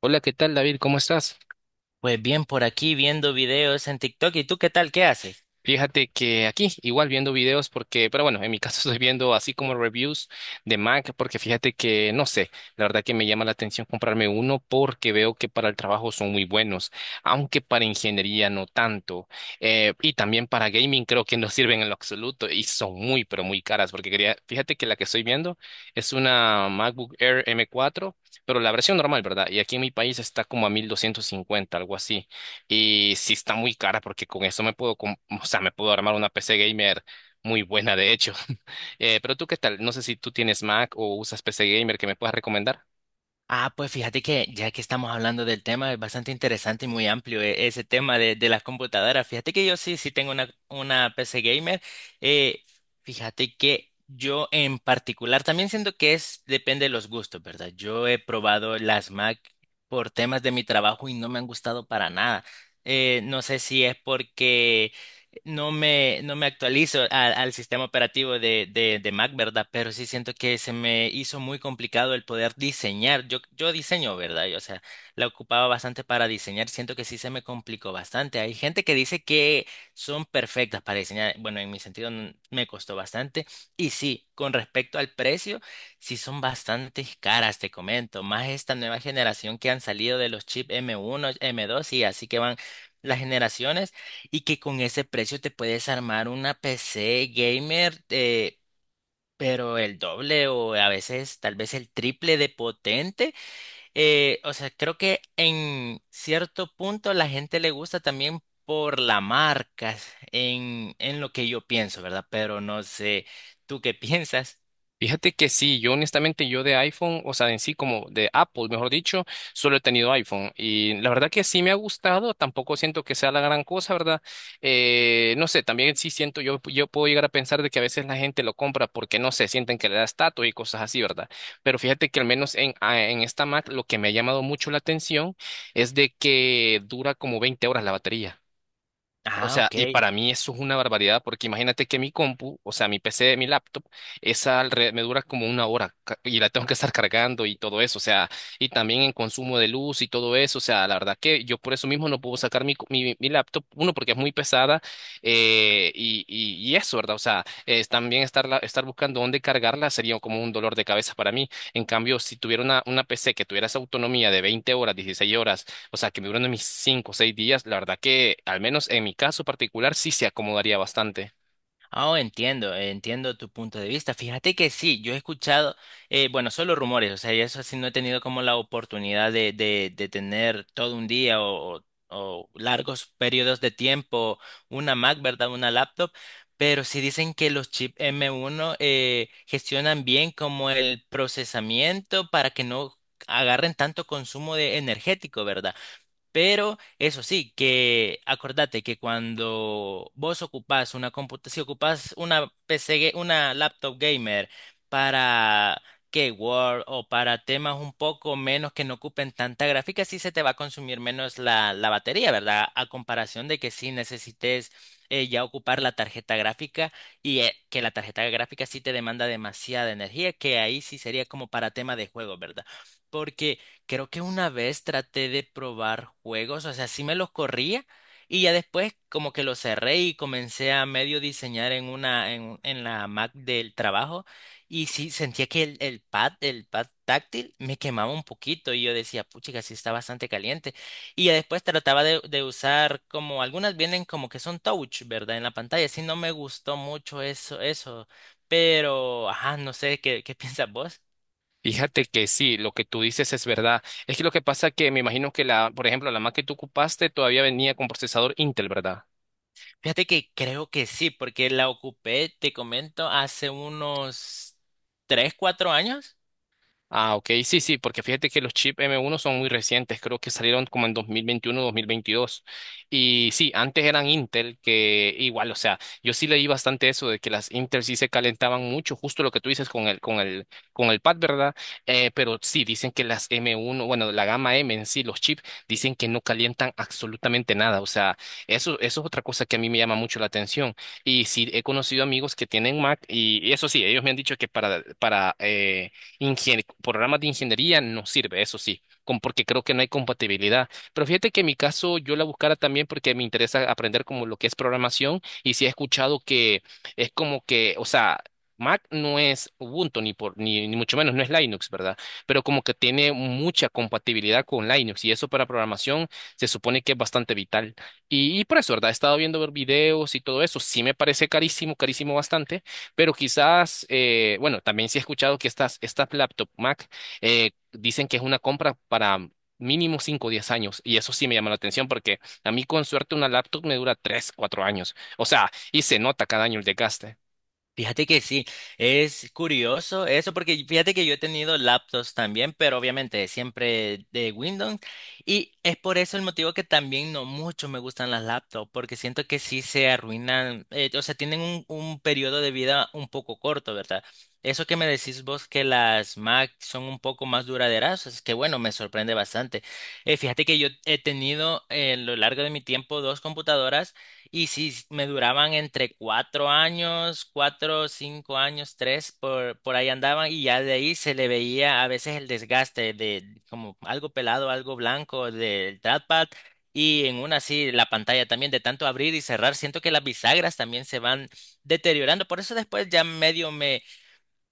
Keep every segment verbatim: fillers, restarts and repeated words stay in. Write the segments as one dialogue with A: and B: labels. A: Hola, ¿qué tal, David? ¿Cómo estás?
B: Pues bien, por aquí viendo videos en TikTok. ¿Y tú qué tal? ¿Qué haces?
A: Fíjate que aquí, igual viendo videos, porque, pero bueno, en mi caso estoy viendo así como reviews de Mac, porque fíjate que, no sé, la verdad que me llama la atención comprarme uno porque veo que para el trabajo son muy buenos, aunque para ingeniería no tanto. Eh, y también para gaming creo que no sirven en lo absoluto y son muy, pero muy caras, porque quería, fíjate que la que estoy viendo es una MacBook Air M cuatro, pero la versión normal, ¿verdad? Y aquí en mi país está como a mil doscientos cincuenta, algo así. Y sí está muy cara porque con eso me puedo, com- o sea, me puedo armar una P C gamer muy buena, de hecho. Eh, pero tú, ¿qué tal? No sé si tú tienes Mac o usas P C gamer que me puedas recomendar.
B: Ah, pues fíjate que ya que estamos hablando del tema, es bastante interesante y muy amplio e- ese tema de, de las computadoras. Fíjate que yo sí, sí tengo una, una P C gamer. Eh, fíjate que yo en particular, también siento que es, depende de los gustos, ¿verdad? Yo he probado las Mac por temas de mi trabajo y no me han gustado para nada. Eh, no sé si es porque No me, no me actualizo a- al sistema operativo de, de, de Mac, ¿verdad? Pero sí siento que se me hizo muy complicado el poder diseñar. Yo, yo diseño, ¿verdad? Yo, o sea, la ocupaba bastante para diseñar. Siento que sí se me complicó bastante. Hay gente que dice que son perfectas para diseñar. Bueno, en mi sentido n- me costó bastante. Y sí, con respecto al precio, sí son bastante caras, te comento. Más esta nueva generación que han salido de los chips M uno, M dos y así que van las generaciones. Y que con ese precio te puedes armar una P C gamer, eh, pero el doble o a veces tal vez el triple de potente. Eh, o sea, creo que en cierto punto la gente le gusta también por la marca, en, en lo que yo pienso, ¿verdad? Pero no sé, ¿tú qué piensas?
A: Fíjate que sí, yo honestamente yo de iPhone, o sea, en sí como de Apple, mejor dicho, solo he tenido iPhone y la verdad que sí me ha gustado, tampoco siento que sea la gran cosa, ¿verdad? Eh, no sé, también sí siento, yo, yo puedo llegar a pensar de que a veces la gente lo compra porque, no sé, sienten que le da estatus y cosas así, ¿verdad? Pero fíjate que al menos en, a- en esta Mac lo que me ha llamado mucho la atención es de que dura como veinte horas la batería. O
B: Ah,
A: sea,
B: ok.
A: y para mí eso es una barbaridad, porque imagínate que mi compu, o sea, mi P C, mi laptop, esa alre- me dura como una hora ca- y la tengo que estar cargando y todo eso, o sea, y también en consumo de luz y todo eso, o sea, la verdad que yo por eso mismo no puedo sacar mi, co- mi, mi laptop, uno, porque es muy pesada, eh, y, y, y eso, ¿verdad? O sea, es también estar, estar buscando dónde cargarla sería como un dolor de cabeza para mí. En cambio, si tuviera una, una P C que tuviera esa autonomía de veinte horas, dieciséis horas, o sea, que me duran a mis cinco o seis días, la verdad que, al menos en mi caso particular, sí se acomodaría bastante.
B: Oh, entiendo, eh, entiendo tu punto de vista. Fíjate que sí, yo he escuchado, eh, bueno, solo rumores, o sea, y eso sí no he tenido como la oportunidad de, de, de tener todo un día o, o- o largos periodos de tiempo una Mac, ¿verdad? Una laptop, pero sí dicen que los chips M uno eh, gestionan bien como el procesamiento para que no agarren tanto consumo de energético, ¿verdad? Pero eso sí, que acordate que cuando vos ocupás una computadora, si ocupás una P C, ga- una laptop gamer para que Word o para temas un poco menos que no ocupen tanta gráfica, sí se te va a consumir menos la, la batería, ¿verdad? A comparación de que si necesites eh, ya ocupar la tarjeta gráfica y eh, que la tarjeta gráfica sí te demanda demasiada energía, que ahí sí sería como para tema de juego, ¿verdad? Porque creo que una vez traté de probar juegos, o sea, sí me los corría y ya después como que los cerré y comencé a medio diseñar en una en, en la Mac del trabajo y sí sentía que el, el pad, el pad táctil me quemaba un poquito y yo decía, puchica, sí está bastante caliente. Y ya después trataba de, de usar como algunas vienen como que son touch, ¿verdad? En la pantalla, sí no me gustó mucho eso eso, pero ajá, no sé qué qué piensas vos.
A: Fíjate que sí, lo que tú dices es verdad. Es que lo que pasa es que me imagino que la, por ejemplo, la Mac que tú ocupaste todavía venía con procesador Intel, ¿verdad?
B: Fíjate que creo que sí, porque la ocupé, te comento, hace unos tres cuatro años.
A: Ah, ok, sí, sí, porque fíjate que los chips M uno son muy recientes, creo que salieron como en dos dos mil veintiuno, dos mil veintidós. Y sí, antes eran Intel, que igual, o sea, yo sí leí bastante eso de que las Intel sí se calentaban mucho, justo lo que tú dices con el, con el, con el pad, ¿verdad? Eh, pero sí, dicen que las M uno, bueno, la gama M en sí, los chips, dicen que no calientan absolutamente nada. O sea, eso, eso es otra cosa que a mí me llama mucho la atención. Y sí, he conocido amigos que tienen Mac y, y eso sí, ellos me han dicho que para, para, eh, Ingen- programas de ingeniería no sirve, eso sí, con- porque creo que no hay compatibilidad. Pero fíjate que en mi caso yo la buscara también porque me interesa aprender como lo que es programación y sí he escuchado que es como que, o sea, Mac no es Ubuntu ni por ni, ni mucho menos no es Linux, ¿verdad? Pero como que tiene mucha compatibilidad con Linux y eso para programación se supone que es bastante vital. Y, y por eso, ¿verdad? He estado viendo videos y todo eso, sí me parece carísimo, carísimo bastante pero quizás, eh, bueno, también sí he escuchado que estas, estas laptop Mac eh, dicen que es una compra para mínimo cinco o 10 años. Y eso sí me llama la atención porque a mí con suerte una laptop me dura tres cuatro años. O sea, y se nota cada año el desgaste.
B: Fíjate que sí, es curioso eso porque fíjate que yo he tenido laptops también, pero obviamente siempre de Windows y es por eso el motivo que también no mucho me gustan las laptops porque siento que sí se arruinan, eh, o sea, tienen un, un periodo de vida un poco corto, ¿verdad? Eso que me decís vos que las Mac son un poco más duraderas, es que bueno, me sorprende bastante. Eh, fíjate que yo he tenido eh, a lo largo de mi tiempo dos computadoras. Y sí, s- me duraban entre cuatro años, cuatro, cinco años, tres, por, por ahí andaban y ya de ahí se le veía a veces el desgaste de como algo pelado, algo blanco del trackpad y en una así la pantalla también de tanto abrir y cerrar, siento que las bisagras también se van deteriorando, por eso después ya medio me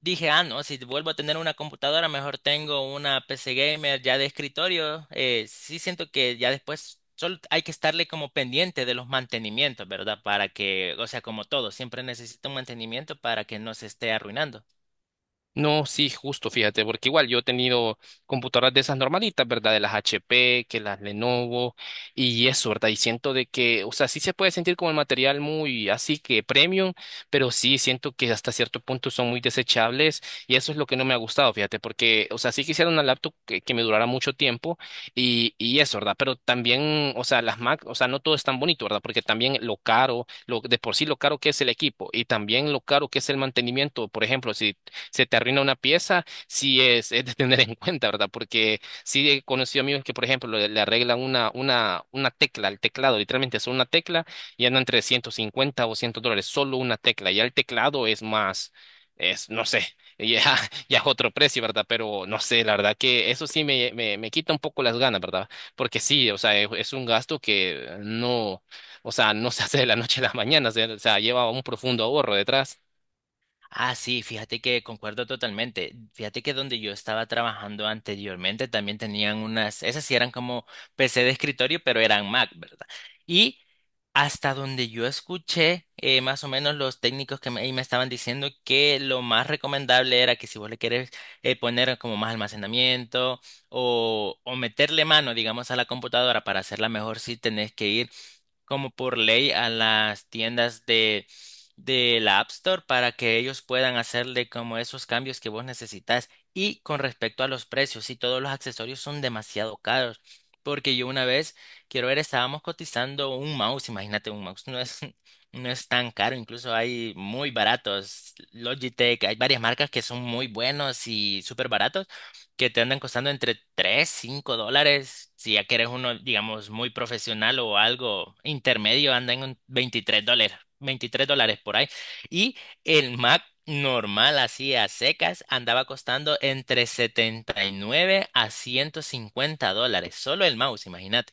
B: dije, ah, no, si vuelvo a tener una computadora, mejor tengo una P C gamer ya de escritorio. Eh, sí siento que ya después solo hay que estarle como pendiente de los mantenimientos, ¿verdad? Para que, o sea, como todo, siempre necesita un mantenimiento para que no se esté arruinando.
A: No, sí, justo, fíjate, porque igual yo he tenido computadoras de esas normalitas, ¿verdad? De las H P, que las Lenovo y eso, ¿verdad? Y siento de que, o sea, sí se puede sentir como el material muy así que premium, pero sí siento que hasta cierto punto son muy desechables y eso es lo que no me ha gustado, fíjate, porque, o sea, sí quisiera una laptop que, que me durara mucho tiempo y, y eso, ¿verdad? Pero también, o sea, las Mac, o sea, no todo es tan bonito, ¿verdad? Porque también lo caro, lo, de por sí lo caro que es el equipo y también lo caro que es el mantenimiento, por ejemplo, si se te arruina una pieza, sí es, es de tener en cuenta, ¿verdad? Porque sí he conocido amigos que, por ejemplo, le, le arreglan una, una, una tecla al teclado, literalmente solo una tecla, y andan entre ciento cincuenta o cien dólares, solo una tecla. Ya el teclado es más, es, no sé, ya, ya es otro precio, ¿verdad? Pero no sé, la verdad que eso sí me, me, me quita un poco las ganas, ¿verdad? Porque sí, o sea, es, es un gasto que no, o sea, no se hace de la noche a la mañana, se- o sea, lleva un profundo ahorro detrás.
B: Ah, sí, fíjate que concuerdo totalmente. Fíjate que donde yo estaba trabajando anteriormente también tenían unas, esas sí eran como P C de escritorio, pero eran Mac, ¿verdad? Y hasta donde yo escuché, eh, más o menos los técnicos que me, ahí me estaban diciendo que lo más recomendable era que si vos le querés eh, poner como más almacenamiento o, o meterle mano, digamos, a la computadora para hacerla mejor, sí tenés que ir como por ley a las tiendas de, de la App Store para que ellos puedan hacerle como esos cambios que vos necesitas. Y con respecto a los precios, si todos los accesorios son demasiado caros, porque yo una vez, quiero ver, estábamos cotizando un mouse, imagínate, un mouse no es, no es tan caro, incluso hay muy baratos, Logitech, hay varias marcas que son muy buenos y súper baratos que te andan costando entre tres cinco dólares. Si ya quieres uno, digamos, muy profesional o algo intermedio, anda en un veintitrés dólares, veintitrés dólares por ahí. Y el Mac normal, así a secas, andaba costando entre setenta y nueve a ciento cincuenta dólares. Solo el mouse, imagínate.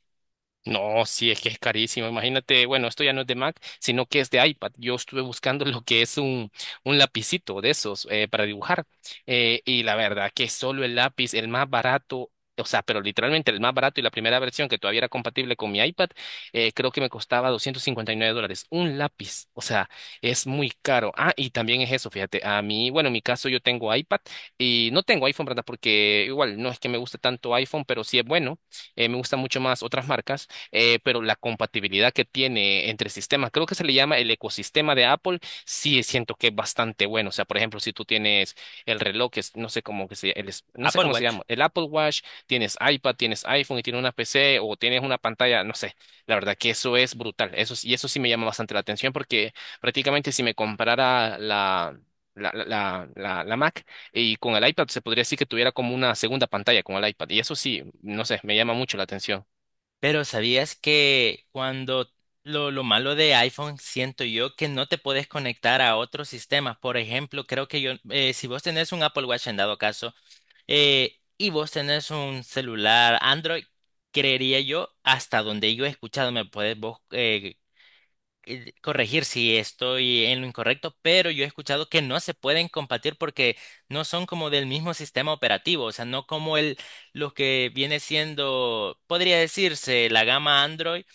A: No, sí, es que es carísimo. Imagínate, bueno, esto ya no es de Mac, sino que es de iPad. Yo estuve buscando lo que es un, un lapicito de esos eh, para dibujar. eh, y la verdad que solo el lápiz, el más barato, o sea, pero literalmente el más barato y la primera versión que todavía era compatible con mi iPad, eh, creo que me costaba doscientos cincuenta y nueve dólares. Un lápiz, o sea, es muy caro. Ah, y también es eso, fíjate, a mí, bueno, en mi caso yo tengo iPad y no tengo iPhone, ¿verdad? Porque igual no es que me guste tanto iPhone, pero sí es bueno. Eh, me gustan mucho más otras marcas eh, pero la compatibilidad que tiene entre sistemas, creo que se le llama el ecosistema de Apple, sí siento que es bastante bueno. O sea, por ejemplo, si tú tienes el reloj, que es- no sé cómo que se, el es- no sé
B: Apple
A: cómo se
B: Watch.
A: llama, el Apple Watch, tienes iPad, tienes iPhone y tienes una P C o tienes una pantalla, no sé. La verdad que eso es brutal. Eso, sí- y eso sí me llama bastante la atención porque prácticamente si me comprara la... La, la, la, la la Mac y con el iPad se podría decir que tuviera como una segunda pantalla con el iPad y eso sí, no sé, me llama mucho la atención.
B: Pero ¿sabías que cuando lo, lo malo de iPhone siento yo que no te puedes conectar a otros sistemas? Por ejemplo, creo que yo, eh, si vos tenés un Apple Watch en dado caso, eh, y vos tenés un celular Android, creería yo, hasta donde yo he escuchado, me puedes vos eh, eh, corregir si estoy en lo incorrecto, pero yo he escuchado que no se pueden compartir porque no son como del mismo sistema operativo, o sea, no como el lo que viene siendo, podría decirse, la gama Android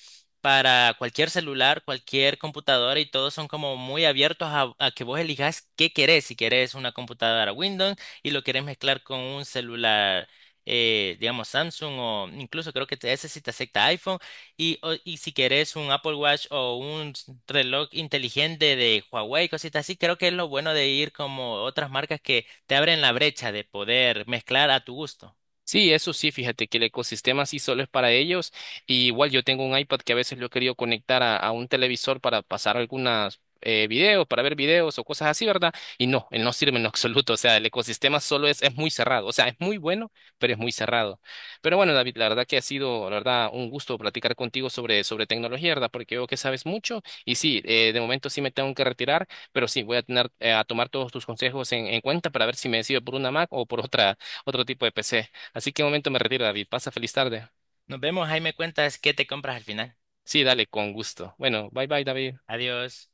B: para cualquier celular, cualquier computadora y todos son como muy abiertos a, a que vos elijas qué querés, si querés una computadora Windows y lo querés mezclar con un celular. eh, digamos Samsung o incluso creo que te- ese sí te acepta iPhone y, o- y si querés un Apple Watch o un reloj inteligente de Huawei, cositas así, creo que es lo bueno de ir como otras marcas que te abren la brecha de poder mezclar a tu gusto.
A: Sí, eso sí, fíjate que el ecosistema sí solo es para ellos. Y igual yo tengo un iPad que a veces lo he querido conectar a, a un televisor para pasar algunas eh, videos, para ver videos o cosas así, ¿verdad? Y no, él no sirve en lo absoluto. O sea, el ecosistema solo es, es muy cerrado. O sea, es muy bueno, pero es muy cerrado. Pero bueno, David, la verdad que ha sido, la verdad, un gusto platicar contigo sobre, sobre tecnología, ¿verdad? Porque veo que sabes mucho. Y sí, eh, de momento sí me tengo que retirar, pero sí, voy a tener, eh, a tomar todos tus consejos en, en cuenta para ver si me decido por una Mac o por otra, otro tipo de P C. Así que un momento me retiro, David. Pasa feliz tarde.
B: Nos vemos, ahí me cuentas qué te compras al final.
A: Sí, dale, con gusto. Bueno, bye bye, David.
B: Adiós.